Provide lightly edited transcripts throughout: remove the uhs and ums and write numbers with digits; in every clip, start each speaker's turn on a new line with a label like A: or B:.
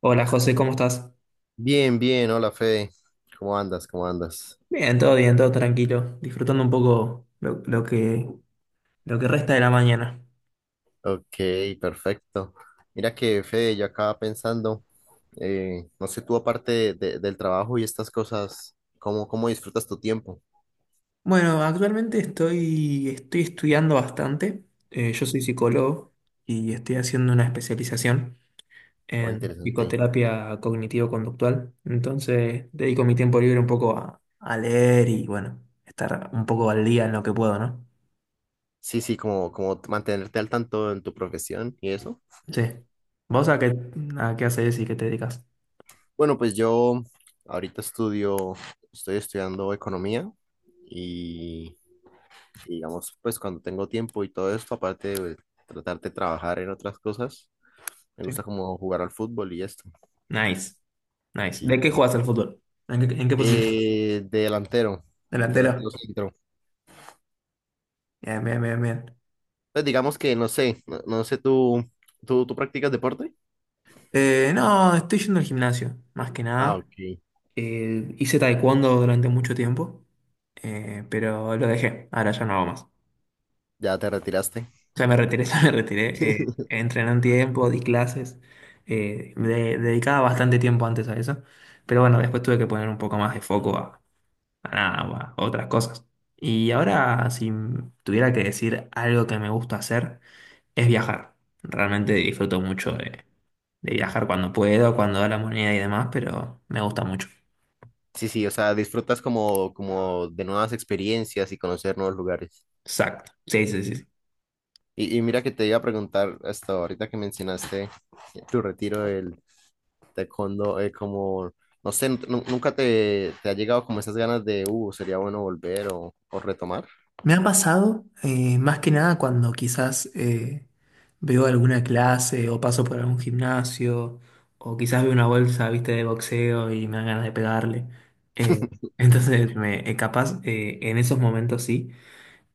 A: Hola José, ¿cómo estás?
B: Bien, bien, hola Fede. ¿Cómo andas? ¿Cómo andas?
A: Bien, todo tranquilo, disfrutando un poco lo que resta de la mañana.
B: Ok, perfecto. Mira que Fede, yo acaba pensando, no sé, tú aparte del trabajo y estas cosas, ¿cómo, cómo disfrutas tu tiempo?
A: Bueno, actualmente estoy estudiando bastante. Yo soy psicólogo y estoy haciendo una especialización
B: Oh,
A: en
B: interesante.
A: psicoterapia cognitivo-conductual. Entonces, dedico mi tiempo libre un poco a leer y, bueno, estar un poco al día en lo que puedo, ¿no?
B: Sí, sí, como, como mantenerte al tanto en tu profesión y eso.
A: Sí. ¿Vos a qué haces y qué te dedicas?
B: Bueno, pues yo ahorita estudio, estoy estudiando economía y, y digamos, pues cuando tengo tiempo y todo esto, aparte de tratar de trabajar en otras cosas. Me
A: Sí.
B: gusta como jugar al fútbol y esto.
A: Nice. Nice. ¿De
B: Sí.
A: qué juegas al fútbol? ¿En qué posición?
B: De delantero,
A: Delantero.
B: delantero centro.
A: Bien, bien, bien, bien.
B: Pues digamos que no sé, no, no sé, ¿tú practicas deporte?
A: No, estoy yendo al gimnasio, más que
B: Ah,
A: nada.
B: ok.
A: Hice taekwondo durante mucho tiempo, pero lo dejé. Ahora ya no hago más.
B: Ya te retiraste.
A: Ya me retiré, ya me retiré. Entrené un tiempo, di clases. Me dedicaba bastante tiempo antes a eso. Pero bueno, después tuve que poner un poco más de foco a nada, a otras cosas. Y ahora, si tuviera que decir algo que me gusta hacer, es viajar. Realmente disfruto mucho de viajar cuando puedo, cuando da la moneda y demás, pero me gusta mucho.
B: Sí, sí, o sea, disfrutas como, como de nuevas experiencias y conocer nuevos lugares.
A: Exacto. Sí, sí, sí. Sí.
B: Y mira que te iba a preguntar hasta ahorita que mencionaste tu retiro del taekwondo, como, no sé, nunca te, te ha llegado como esas ganas de, sería bueno volver o retomar.
A: Me ha pasado, más que nada cuando quizás veo alguna clase o paso por algún gimnasio o quizás veo una bolsa, viste, de boxeo y me dan ganas de pegarle. Eh, entonces, capaz en esos momentos sí.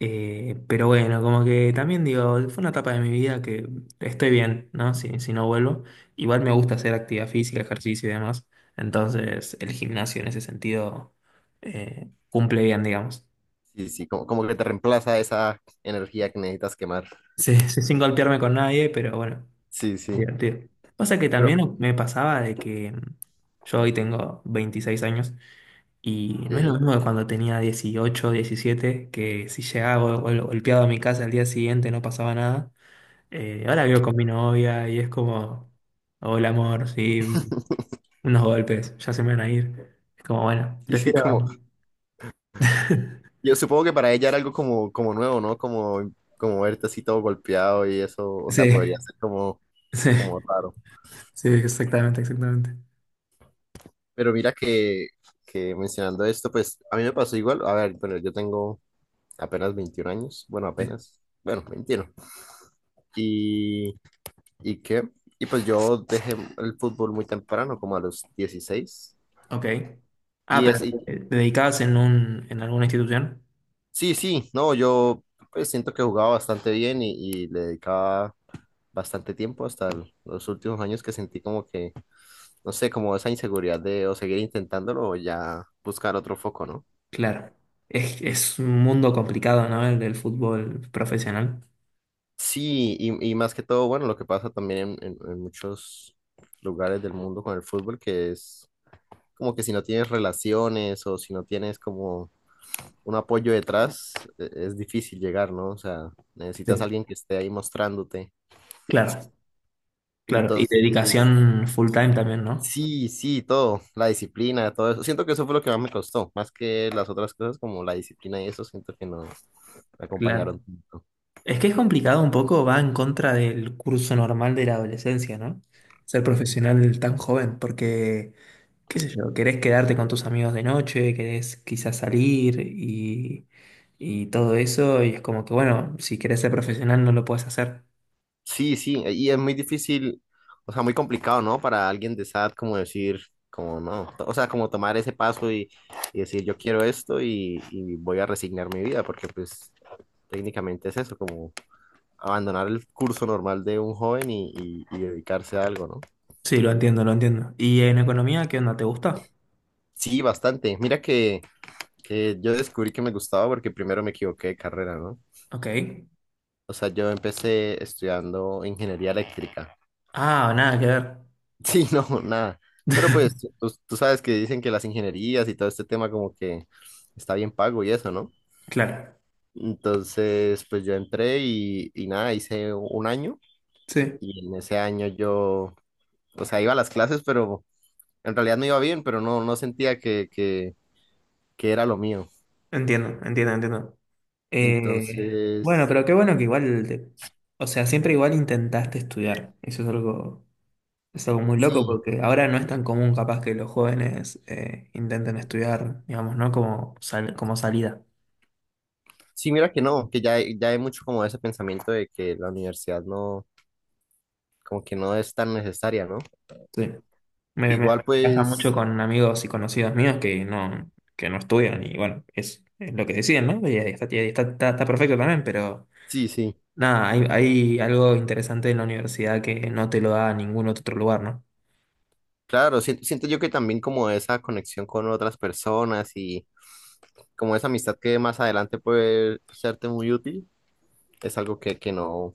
A: Pero bueno, como que también digo, fue una etapa de mi vida que estoy bien, ¿no? Si no vuelvo. Igual me gusta hacer actividad física, ejercicio y demás. Entonces, el gimnasio en ese sentido cumple bien, digamos.
B: Sí, sí, como, como que te reemplaza esa energía que necesitas quemar.
A: Sí, sí, sin golpearme con nadie, pero bueno,
B: Sí, sí.
A: divertido. Pasa que
B: Pero,
A: también me pasaba de que yo hoy tengo 26 años y no es lo
B: ok.
A: mismo que cuando tenía 18 17 que si llegaba golpeado a mi casa al día siguiente no pasaba nada. Ahora vivo con mi novia y es como, hola amor, sí, unos golpes, ya se me van a ir. Es como, bueno,
B: Sí, sí,
A: prefiero.
B: como, yo supongo que para ella era algo como, como nuevo, ¿no? Como, como verte así todo golpeado y eso, o sea,
A: Sí,
B: podría ser como,
A: sí,
B: como raro.
A: sí, exactamente, exactamente.
B: Pero mira que mencionando esto, pues a mí me pasó igual. A ver, bueno, yo tengo apenas 21 años, bueno,
A: Sí.
B: apenas, bueno, 21. Y, ¿Y qué? Y pues yo dejé el fútbol muy temprano, como a los 16.
A: Ok. Ah,
B: Y, es,
A: pero
B: y
A: ¿dedicabas en alguna institución?
B: sí, sí, no, yo pues siento que jugaba bastante bien y le dedicaba bastante tiempo hasta los últimos años que sentí como que, no sé, como esa inseguridad de o seguir intentándolo o ya buscar otro foco, ¿no?
A: Claro. Es un mundo complicado, ¿no? El del fútbol profesional.
B: Sí, y más que todo, bueno, lo que pasa también en, en muchos lugares del mundo con el fútbol, que es como que si no tienes relaciones o si no tienes como un apoyo detrás, es difícil llegar, ¿no? O sea, necesitas a
A: Sí.
B: alguien que esté ahí mostrándote.
A: Claro, claro. Y
B: Entonces,
A: dedicación full time también, ¿no?
B: sí, sí, todo, la disciplina, todo eso. Siento que eso fue lo que más me costó, más que las otras cosas como la disciplina y eso, siento que no me
A: Claro.
B: acompañaron tanto.
A: Es que es complicado un poco, va en contra del curso normal de la adolescencia, ¿no? Ser profesional tan joven, porque, qué sé yo, querés quedarte con tus amigos de noche, querés quizás salir y todo eso, y es como que, bueno, si querés ser profesional no lo puedes hacer.
B: Sí, sí, e, y es muy difícil, o sea, muy complicado, ¿no? Para alguien de esa edad como decir, como no, o sea, como tomar ese paso y decir yo quiero esto y voy a resignar mi vida, porque pues técnicamente es eso, como abandonar el curso normal de un joven y dedicarse a algo, ¿no?
A: Sí, lo entiendo, lo entiendo. ¿Y en economía qué onda? ¿Te gusta?
B: Sí, bastante. Mira que yo descubrí que me gustaba porque primero me equivoqué de carrera, ¿no?
A: Ok.
B: O sea, yo empecé estudiando ingeniería eléctrica.
A: Ah, nada que ver.
B: Sí, no, nada. Pero pues tú sabes que dicen que las ingenierías y todo este tema como que está bien pago y eso, ¿no?
A: Claro.
B: Entonces, pues yo entré y nada, hice un año
A: Sí,
B: y en ese año yo, o sea, iba a las clases, pero en realidad me iba bien, pero no, no sentía que era lo mío.
A: entiendo, entiendo, entiendo.
B: Y
A: Bueno,
B: entonces,
A: pero qué bueno que igual, o sea, siempre igual intentaste estudiar. Eso es algo muy loco
B: sí.
A: porque ahora no es tan común capaz que los jóvenes intenten estudiar, digamos, ¿no? Como, como salida.
B: Sí, mira que no, que ya, ya hay mucho como ese pensamiento de que la universidad no, como que no es tan necesaria, ¿no?
A: Sí. Me
B: Igual
A: pasa mucho
B: pues,
A: con amigos y conocidos míos que no, estudian y bueno, es lo que deciden, ¿no? Y ahí está, está perfecto también, pero
B: sí, sí,
A: nada, hay algo interesante en la universidad que no te lo da ningún otro lugar, ¿no?
B: claro, siento yo que también como esa conexión con otras personas y como esa amistad que más adelante puede serte muy útil, es algo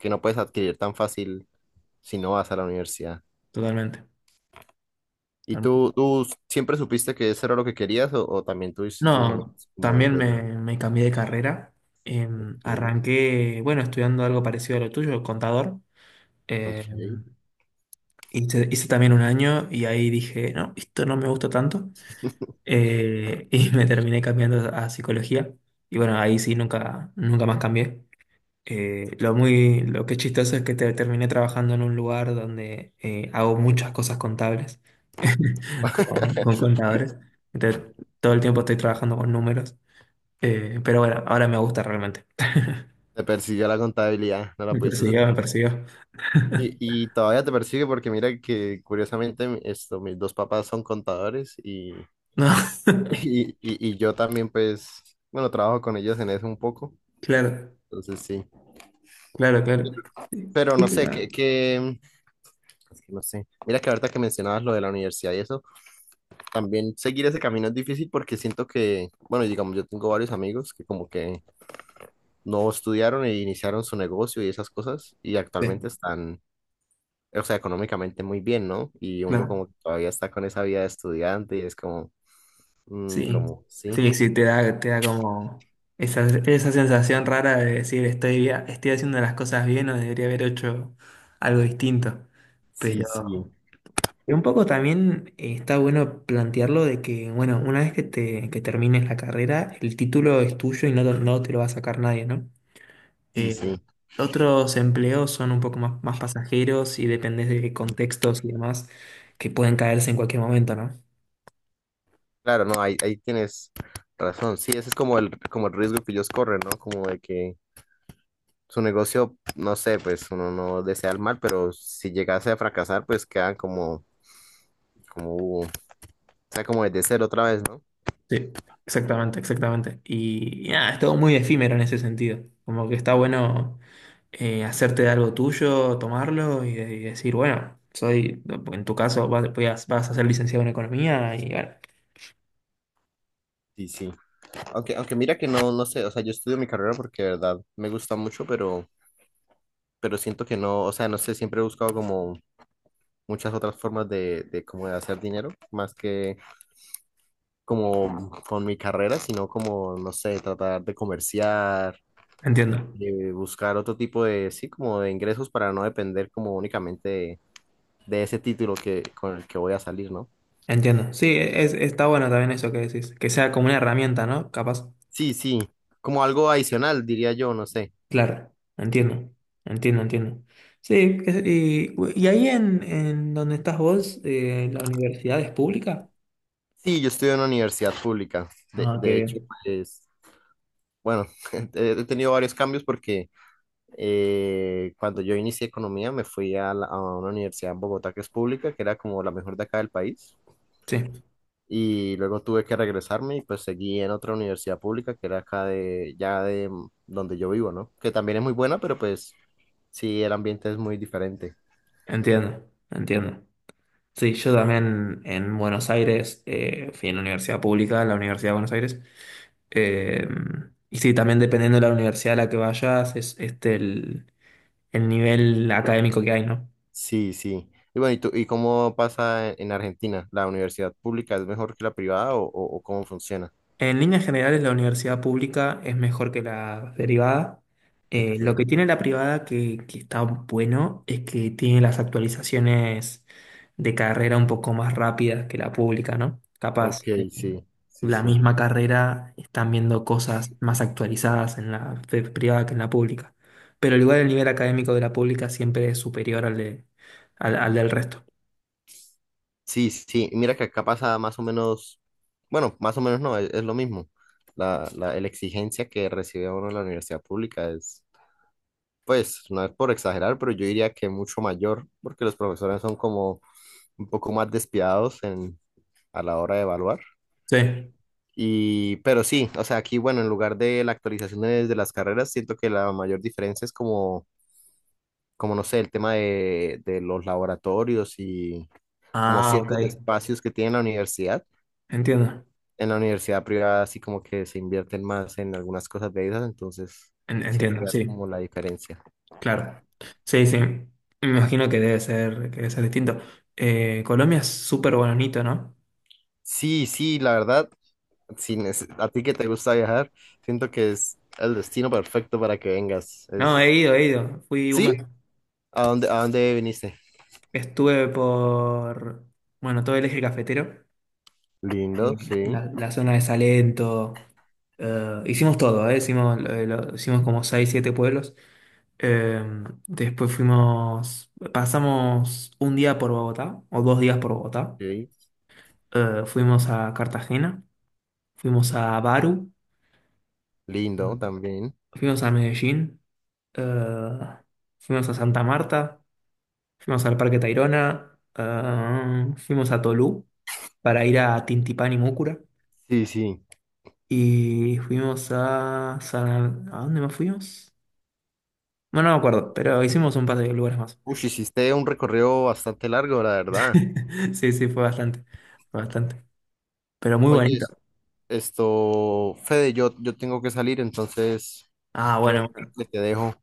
B: que no puedes adquirir tan fácil si no vas a la universidad.
A: Totalmente.
B: ¿Y tú siempre supiste que eso era lo que querías o también tuviste tus
A: No,
B: momentos como
A: también me,
B: de...
A: me cambié de carrera.
B: Ok,
A: Arranqué, bueno, estudiando algo parecido a lo tuyo, contador.
B: ok.
A: Em, hice también un año y ahí dije, no, esto no me gusta tanto. Y me terminé cambiando a psicología. Y bueno, ahí sí nunca más cambié. Lo muy, lo que es chistoso es que terminé trabajando en un lugar donde hago muchas cosas contables con contadores. Entonces, todo el tiempo estoy trabajando con números. Pero bueno, ahora me gusta realmente.
B: Te persiguió la contabilidad, no la
A: Me
B: pudiste
A: persiguió, me
B: soltar.
A: persiguió.
B: Y, y todavía te persigue porque mira que curiosamente esto, mis dos papás son contadores y,
A: No,
B: y yo también pues, bueno, trabajo con ellos en eso un poco,
A: claro,
B: entonces sí.
A: claro, claro. Sí,
B: Pero no
A: sí,
B: sé,
A: no,
B: que, es que no sé, mira que ahorita que mencionabas lo de la universidad y eso, también seguir ese camino es difícil porque siento que, bueno, digamos, yo tengo varios amigos que como que no estudiaron e iniciaron su negocio y esas cosas y
A: sí,
B: actualmente están... O sea, económicamente muy bien, ¿no? Y uno
A: claro,
B: como que todavía está con esa vida de estudiante y es como, mm,
A: sí.
B: como, sí,
A: Sí, sí, te da como esa sensación rara de decir estoy haciendo las cosas bien o debería haber hecho algo distinto.
B: sí,
A: Pero
B: sí,
A: un poco también está bueno plantearlo de que, bueno, una vez que termines la carrera, el título es tuyo y no te lo va a sacar nadie, ¿no?
B: sí,
A: Eh,
B: sí.
A: Otros empleos son un poco más pasajeros y dependes de contextos y demás que pueden caerse en cualquier momento, ¿no?
B: Claro, no, ahí, ahí tienes razón. Sí, ese es como el riesgo que ellos corren, ¿no? Como de que su negocio, no sé, pues uno no desea el mal, pero si llegase a fracasar, pues quedan como, como, o sea, como desde cero otra vez, ¿no?
A: Sí, exactamente, exactamente. Y nada, es todo muy efímero en ese sentido. Como que está bueno hacerte de algo tuyo, tomarlo y, y decir, bueno, soy, en tu caso, vas a ser licenciado en economía y bueno,
B: Sí, sí. Aunque, aunque mira que no, no sé, o sea, yo estudio mi carrera porque de verdad me gusta mucho, pero siento que no, o sea, no sé, siempre he buscado como muchas otras formas de como de hacer dinero, más que como con mi carrera, sino como, no sé, tratar de comerciar,
A: entiendo,
B: de buscar otro tipo de, sí, como de ingresos para no depender como únicamente de ese título que, con el que voy a salir, ¿no?
A: entiendo. Sí, está bueno también eso que decís, que sea como una herramienta, ¿no? Capaz.
B: Sí, sí, como algo adicional, diría yo, no sé.
A: Claro, entiendo, entiendo, entiendo. Sí, y ahí en donde estás vos, la universidad es pública.
B: Sí, yo estudio en una universidad pública.
A: Ah, qué
B: De hecho,
A: bien.
B: pues, bueno, he tenido varios cambios porque cuando yo inicié economía me fui a, a una universidad en Bogotá que es pública, que era como la mejor de acá del país.
A: Sí,
B: Y luego tuve que regresarme y pues seguí en otra universidad pública que era acá de, ya de donde yo vivo, ¿no? Que también es muy buena, pero pues sí, el ambiente es muy diferente.
A: entiendo, entiendo. Sí, yo también en Buenos Aires fui en la universidad pública, la Universidad de Buenos Aires. Eh, y sí, también dependiendo de la universidad a la que vayas, es este el nivel académico que hay, ¿no?
B: Sí, sí. Y bueno, ¿y tú, y cómo pasa en Argentina? ¿La universidad pública es mejor que la privada o, o cómo funciona?
A: En líneas generales, la universidad pública es mejor que la derivada.
B: Ok,
A: Lo que tiene la privada que está bueno es que tiene las actualizaciones de carrera un poco más rápidas que la pública, ¿no?
B: ok,
A: Capaz,
B: sí, sí,
A: la
B: sí.
A: misma carrera están viendo cosas más actualizadas en la privada que en la pública. Pero al igual el nivel académico de la pública siempre es superior al del resto.
B: Sí, sí, sí. Y mira que acá pasa más o menos, bueno, más o menos no, es lo mismo. La exigencia que recibe uno en la universidad pública, pues, no es por exagerar, pero yo diría que mucho mayor, porque los profesores son como un poco más despiadados en, a la hora de evaluar.
A: Sí.
B: Y, pero sí, o sea, aquí, bueno, en lugar de la actualización de las carreras, siento que la mayor diferencia es como, como no sé, el tema de los laboratorios y como
A: Ah, ok.
B: ciertos espacios que tiene la universidad.
A: Entiendo.
B: En la universidad privada, así como que se invierten más en algunas cosas de esas, entonces siento que
A: Entiendo,
B: es
A: sí.
B: como la diferencia.
A: Claro. Sí, sí. Me imagino que debe ser distinto. Colombia es súper bonito, ¿no?
B: Sí, sí, la verdad. Si a ti que te gusta viajar, siento que es el destino perfecto para que vengas.
A: No, he
B: Es,
A: ido, he ido. Fui un mes.
B: ¿sí? A dónde viniste?
A: Estuve por, bueno, todo el eje cafetero,
B: Lindo, sí,
A: la zona de Salento. Hicimos todo, ¿eh? Hicimos, hicimos como 6, 7 pueblos. Eh, Después pasamos un día por Bogotá, o 2 días por Bogotá.
B: sí,
A: Fuimos a Cartagena, fuimos a Baru,
B: lindo también.
A: fuimos a Medellín. Eh, Fuimos a Santa Marta, fuimos al Parque Tayrona, fuimos a Tolú para ir a Tintipán y Múcura
B: Sí, sí.
A: y ¿A dónde más fuimos? Bueno, no me acuerdo, pero hicimos un par de lugares más.
B: Uy, hiciste un recorrido bastante largo, la verdad.
A: Sí, sí, fue bastante, pero muy
B: Oye,
A: bonito.
B: es- esto, Fede, yo tengo que salir, entonces
A: Ah,
B: creo
A: bueno, bueno,
B: que te dejo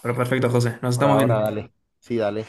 A: pero perfecto, José, nos
B: por
A: estamos viendo.
B: ahora, dale. Sí, dale.